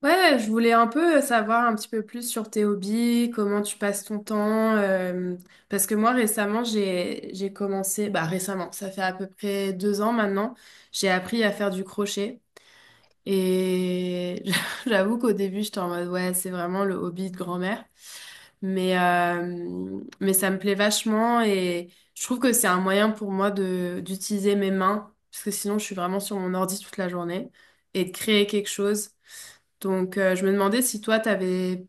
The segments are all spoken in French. Ouais, ouais, je voulais un peu savoir un petit peu plus sur tes hobbies, comment tu passes ton temps. Parce que moi récemment j'ai commencé, bah récemment, ça fait à peu près 2 ans maintenant, j'ai appris à faire du crochet et j'avoue qu'au début j'étais en mode ouais, c'est vraiment le hobby de grand-mère. Mais, mais ça me plaît vachement et je trouve que c'est un moyen pour moi de d'utiliser mes mains, parce que sinon je suis vraiment sur mon ordi toute la journée, et de créer quelque chose. Donc je me demandais si toi, t'avais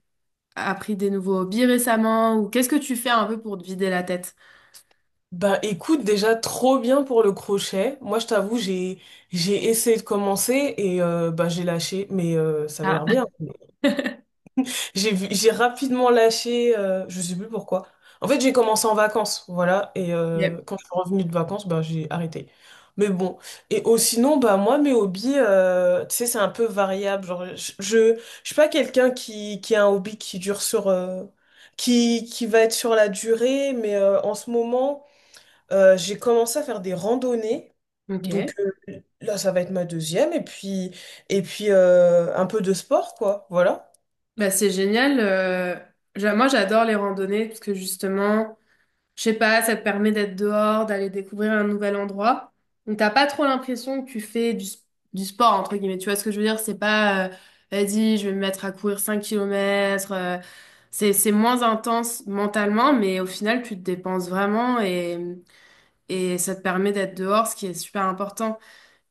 appris des nouveaux hobbies récemment, ou qu'est-ce que tu fais un peu pour te vider la tête? Bah écoute, déjà trop bien pour le crochet. Moi je t'avoue, j'ai essayé de commencer et bah j'ai lâché, mais ça avait l'air Ah. bien. J'ai rapidement lâché, je sais plus pourquoi. En fait, j'ai commencé en vacances, voilà, et Yep. Quand je suis revenue de vacances, bah j'ai arrêté. Mais bon, et oh, sinon, bah moi mes hobbies, tu sais, c'est un peu variable. Genre, je suis pas quelqu'un qui a un hobby qui dure sur qui va être sur la durée, mais en ce moment. J'ai commencé à faire des randonnées. Ok, Donc là, ça va être ma deuxième. Et puis, un peu de sport, quoi. Voilà. bah, c'est génial. Moi j'adore les randonnées parce que justement, je sais pas, ça te permet d'être dehors, d'aller découvrir un nouvel endroit. Donc t'as pas trop l'impression que tu fais du, du sport, entre guillemets. Tu vois ce que je veux dire? C'est pas, vas-y, je vais me mettre à courir 5 km. C'est moins intense mentalement, mais au final, tu te dépenses vraiment et ça te permet d'être dehors, ce qui est super important.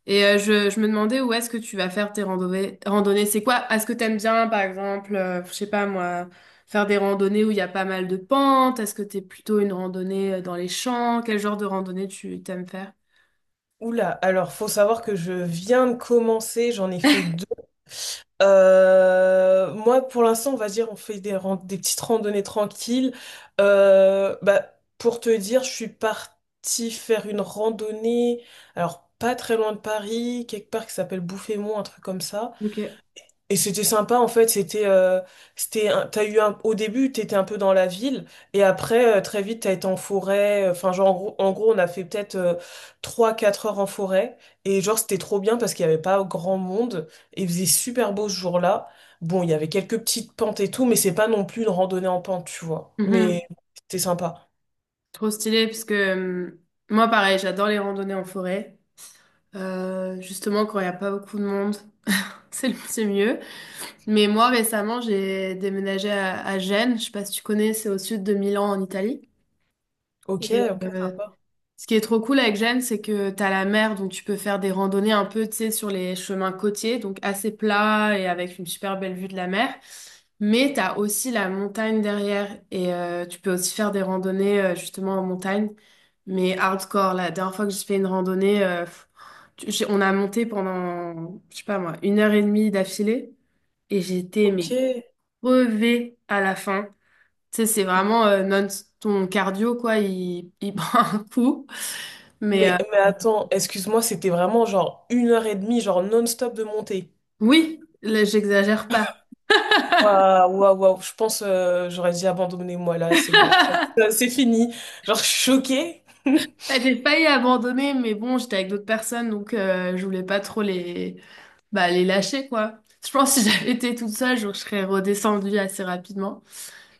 Et je me demandais où est-ce que tu vas faire tes randonnées. C'est quoi? Est-ce que t'aimes bien, par exemple, je sais pas moi, faire des randonnées où il y a pas mal de pentes? Est-ce que t'es plutôt une randonnée dans les champs? Quel genre de randonnée tu t'aimes faire? Oula, alors faut savoir que je viens de commencer, j'en ai fait deux. Moi, pour l'instant, on va dire, on fait des petites randonnées tranquilles. Bah, pour te dire, je suis partie faire une randonnée, alors pas très loin de Paris, quelque part qui s'appelle Bouffémont, un truc comme ça. Ok. Et c'était sympa en fait, t'as eu un, au début t'étais un peu dans la ville et après très vite t'as été en forêt, enfin genre en gros on a fait peut-être 3-4 heures en forêt et genre c'était trop bien parce qu'il n'y avait pas grand monde et il faisait super beau ce jour-là. Bon, il y avait quelques petites pentes et tout, mais c'est pas non plus une randonnée en pente, tu vois. Mhm. Mais c'était sympa. Trop stylé, parce que moi, pareil, j'adore les randonnées en forêt. Justement, quand il n'y a pas beaucoup de monde, c'est mieux. Mais moi, récemment, j'ai déménagé à Gênes. Je sais pas si tu connais, c'est au sud de Milan, en Italie. OK, Et, OK, sympa. ce qui est trop cool avec Gênes, c'est que t'as la mer, donc tu peux faire des randonnées un peu, tu sais, sur les chemins côtiers, donc assez plats et avec une super belle vue de la mer. Mais t'as aussi la montagne derrière et tu peux aussi faire des randonnées justement en montagne, mais hardcore. La dernière fois que j'ai fait une randonnée, on a monté pendant, je sais pas moi, 1h30 d'affilée et j'étais mais OK. crevée à la fin. Tu sais, c'est vraiment non, ton cardio quoi, il prend un coup. Mais Mais attends, excuse-moi, c'était vraiment genre une heure et demie, genre non-stop de montée. oui, là, j'exagère pas. Waouh, waouh, waouh. Je pense j'aurais dit abandonner moi là, c'est bon. C'est fini. Genre, je suis choquée. Bah, j'ai failli abandonner, mais bon, j'étais avec d'autres personnes, donc je voulais pas trop bah, les lâcher, quoi. Je pense que si j'avais été toute seule, je serais redescendue assez rapidement.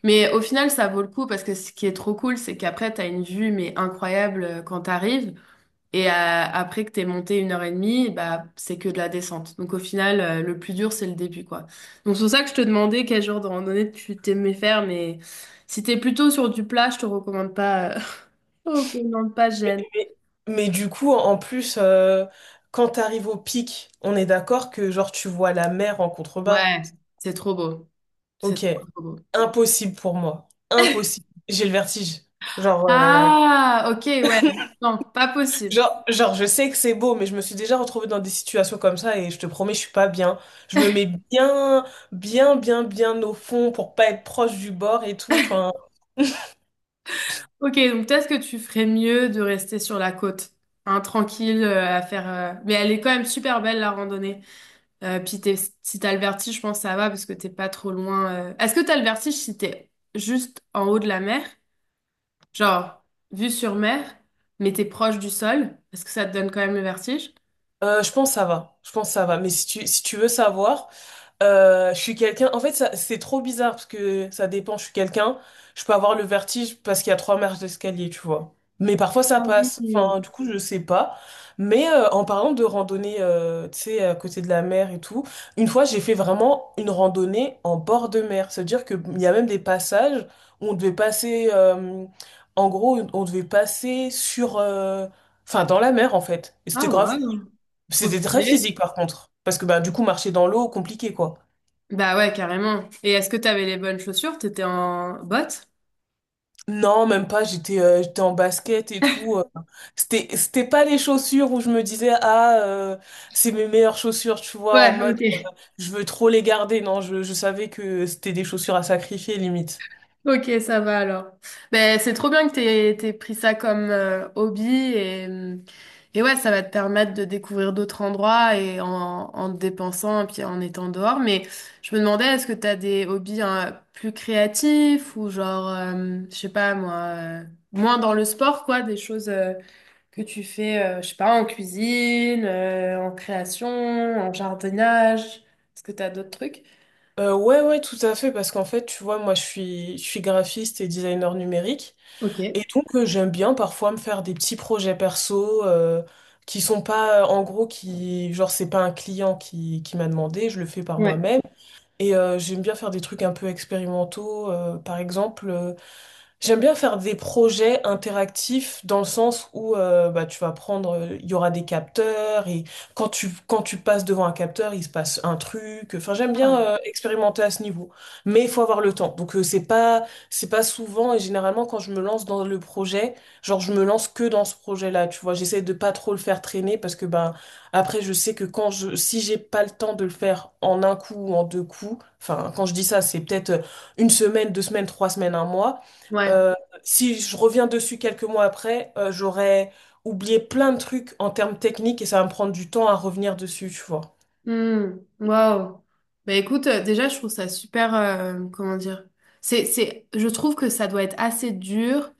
Mais au final, ça vaut le coup parce que ce qui est trop cool, c'est qu'après, t'as une vue, mais incroyable quand t'arrives. Et après que t'es monté 1h30, bah, c'est que de la descente. Donc au final, le plus dur, c'est le début, quoi. Donc c'est pour ça que je te demandais quel genre de randonnée tu t'aimais faire, mais si t'es plutôt sur du plat, je te recommande pas. Oh, qu'on pas Mais, gêne. mais mais du coup, en plus, quand t'arrives au pic, on est d'accord que genre tu vois la mer en contrebas. Ouais, c'est trop beau. C'est Ok. trop, trop beau. Impossible pour moi. Impossible. J'ai le vertige. Genre, euh, Ah, ok, ouais. Non, pas possible. genre, je sais que c'est beau, mais je me suis déjà retrouvée dans des situations comme ça et je te promets, je suis pas bien. Je me mets bien, bien, bien au fond pour pas être proche du bord et tout. Enfin, Ok, donc peut-être que tu ferais mieux de rester sur la côte, hein, tranquille, à faire. Mais elle est quand même super belle la randonnée. Euh, puis t'es- Si t'as le vertige, je pense que ça va parce que t'es pas trop loin. Est-ce que t'as le vertige si t'es juste en haut de la mer, genre vue sur mer, mais t'es proche du sol? Est-ce que ça te donne quand même le vertige? Je pense que ça va. Je pense que ça va. Mais si tu veux savoir, je suis quelqu'un. En fait, c'est trop bizarre parce que ça dépend. Je suis quelqu'un. Je peux avoir le vertige parce qu'il y a trois marches d'escalier, tu vois. Mais parfois ça Ah passe. oui. Enfin, du coup, je sais pas. Mais en parlant de randonnée, tu sais, à côté de la mer et tout, une fois, j'ai fait vraiment une randonnée en bord de mer. C'est-à-dire qu'il y a même des passages où on devait passer. En gros, on devait passer sur. Enfin, dans la mer, en fait. Et c'était Ah ouais. grave, c'était Trop très stylé. physique par contre. Parce que bah, du coup, marcher dans l'eau, compliqué quoi. Bah ouais, carrément. Et est-ce que t'avais les bonnes chaussures? T'étais en bottes? Non, même pas, j'étais en basket et tout. C'était, c'était pas les chaussures où je me disais, ah, c'est mes meilleures chaussures, tu vois, en Ouais, mode, ok. je veux trop les garder. Non, je savais que c'était des chaussures à sacrifier limite. Ok, ça va alors. Ben, c'est trop bien que t'aies pris ça comme hobby et ouais, ça va te permettre de découvrir d'autres endroits et en, en te dépensant et puis en étant dehors. Mais je me demandais, est-ce que t'as des hobbies hein, plus créatifs ou genre, je sais pas moi, euh, moins dans le sport quoi, des choses. Que tu fais, je sais pas, en cuisine, en création, en jardinage. Est-ce que tu as d'autres trucs? Ouais, ouais, tout à fait, parce qu'en fait, tu vois, moi, je suis graphiste et designer numérique. Ok. Et donc, j'aime bien parfois me faire des petits projets perso, qui sont pas, en gros, qui, genre, c'est pas un client qui m'a demandé, je le fais par Ouais. moi-même. Et j'aime bien faire des trucs un peu expérimentaux. Par exemple, j'aime bien faire des projets interactifs dans le sens où bah, tu vas prendre, il y aura des capteurs et quand tu passes devant un capteur, il se passe un truc. Enfin, j'aime bien Ah. Expérimenter à ce niveau, mais il faut avoir le temps. Donc c'est pas souvent et généralement quand je me lance dans le projet, genre je me lance que dans ce projet-là. Tu vois, j'essaie de pas trop le faire traîner parce que ben après je sais que quand je si j'ai pas le temps de le faire en un coup ou en deux coups, enfin quand je dis ça c'est peut-être une semaine, deux semaines, trois semaines, un mois. Ouais. Euh, Si je reviens dessus quelques mois après, j'aurais oublié plein de trucs en termes techniques et ça va me prendre du temps à revenir dessus, tu vois. Hmm. Waouh. Bah écoute, déjà, je trouve ça super. Comment dire? C'est, je trouve que ça doit être assez dur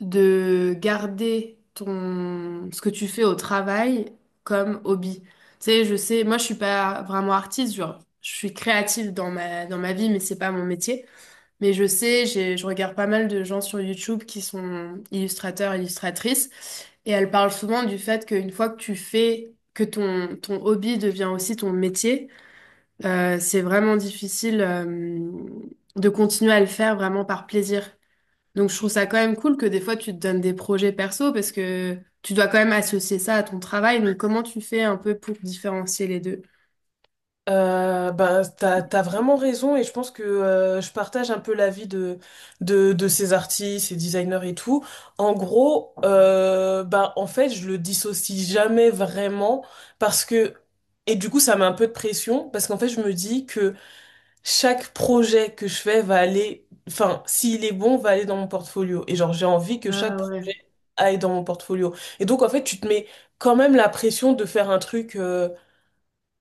de garder ton, ce que tu fais au travail comme hobby. Tu sais, je sais, moi, je suis pas vraiment artiste, genre, je suis créative dans ma vie, mais c'est pas mon métier. Mais je sais, je regarde pas mal de gens sur YouTube qui sont illustrateurs, illustratrices, et elles parlent souvent du fait qu'une fois que tu fais, que ton hobby devient aussi ton métier, c'est vraiment difficile, de continuer à le faire vraiment par plaisir. Donc je trouve ça quand même cool que des fois tu te donnes des projets perso parce que tu dois quand même associer ça à ton travail. Donc comment tu fais un peu pour différencier les deux? Bah, t'as vraiment raison et je pense que je partage un peu l'avis de ces artistes, ces designers et tout. En gros, bah, en fait, je le dissocie jamais vraiment parce que, et du coup, ça met un peu de pression parce qu'en fait, je me dis que chaque projet que je fais va aller, enfin, s'il est bon, va aller dans mon portfolio. Et genre, j'ai envie que Ah chaque ouais. projet aille dans mon portfolio. Et donc, en fait, tu te mets quand même la pression de faire un truc.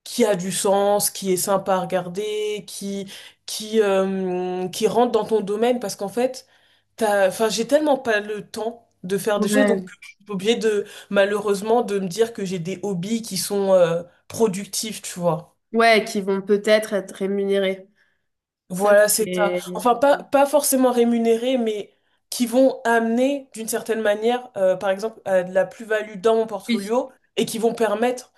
Qui a du sens, qui est sympa à regarder, qui rentre dans ton domaine parce qu'en fait, enfin, j'ai tellement pas le temps de faire des choses, donc Ouais, j'ai oublié de, malheureusement, de me dire que j'ai des hobbies qui sont productifs, tu vois. ouais, qui vont peut-être être rémunérés. Ça, Voilà, c'est ça. c'est... Enfin, pas forcément rémunérés, mais qui vont amener d'une certaine manière, par exemple, à de la plus-value dans mon Oui. portfolio et qui vont permettre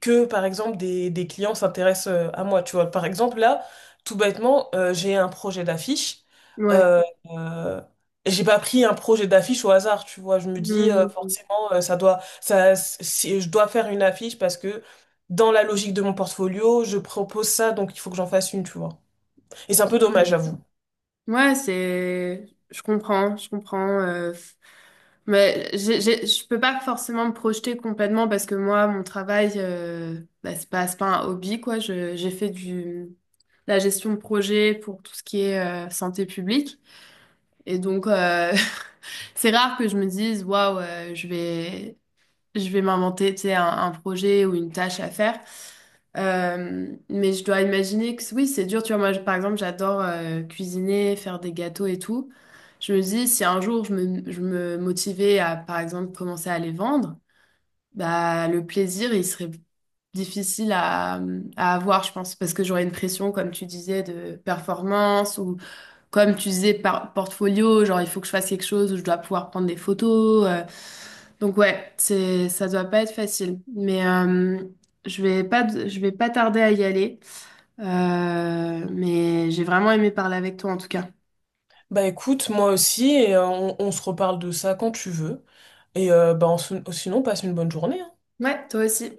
que, par exemple, des clients s'intéressent à moi. Tu vois, par exemple, là, tout bêtement, j'ai un projet d'affiche. Ouais. Euh, euh, j'ai pas pris un projet d'affiche au hasard, tu vois. Je me dis, Hmm. forcément, ça doit, ça, si, je dois faire une affiche parce que dans la logique de mon portfolio, je propose ça, donc il faut que j'en fasse une, tu vois. Et c'est un peu dommage, j'avoue. Ouais, c'est. Je comprends, je comprends. Mais je peux pas forcément me projeter complètement parce que moi, mon travail, bah, c'est pas un hobby, quoi. J'ai fait la gestion de projet pour tout ce qui est santé publique. Et donc, c'est rare que je me dise, waouh, je vais m'inventer, tu sais, un projet ou une tâche à faire. Mais je dois imaginer que oui, c'est dur. Tu vois, moi, par exemple, j'adore cuisiner, faire des gâteaux et tout. Je me dis, si un jour je me motivais à, par exemple, commencer à les vendre, bah, le plaisir, il serait difficile à avoir, je pense, parce que j'aurais une pression, comme tu disais, de performance comme tu disais, par portfolio, genre il faut que je fasse quelque chose où je dois pouvoir prendre des photos. Donc ouais, c'est ça doit pas être facile. Mais je vais pas tarder à y aller. Mais j'ai vraiment aimé parler avec toi en tout cas. Bah écoute, moi aussi, et on se reparle de ça quand tu veux. Et bah, sinon, passe une bonne journée, hein. Ouais, toi aussi.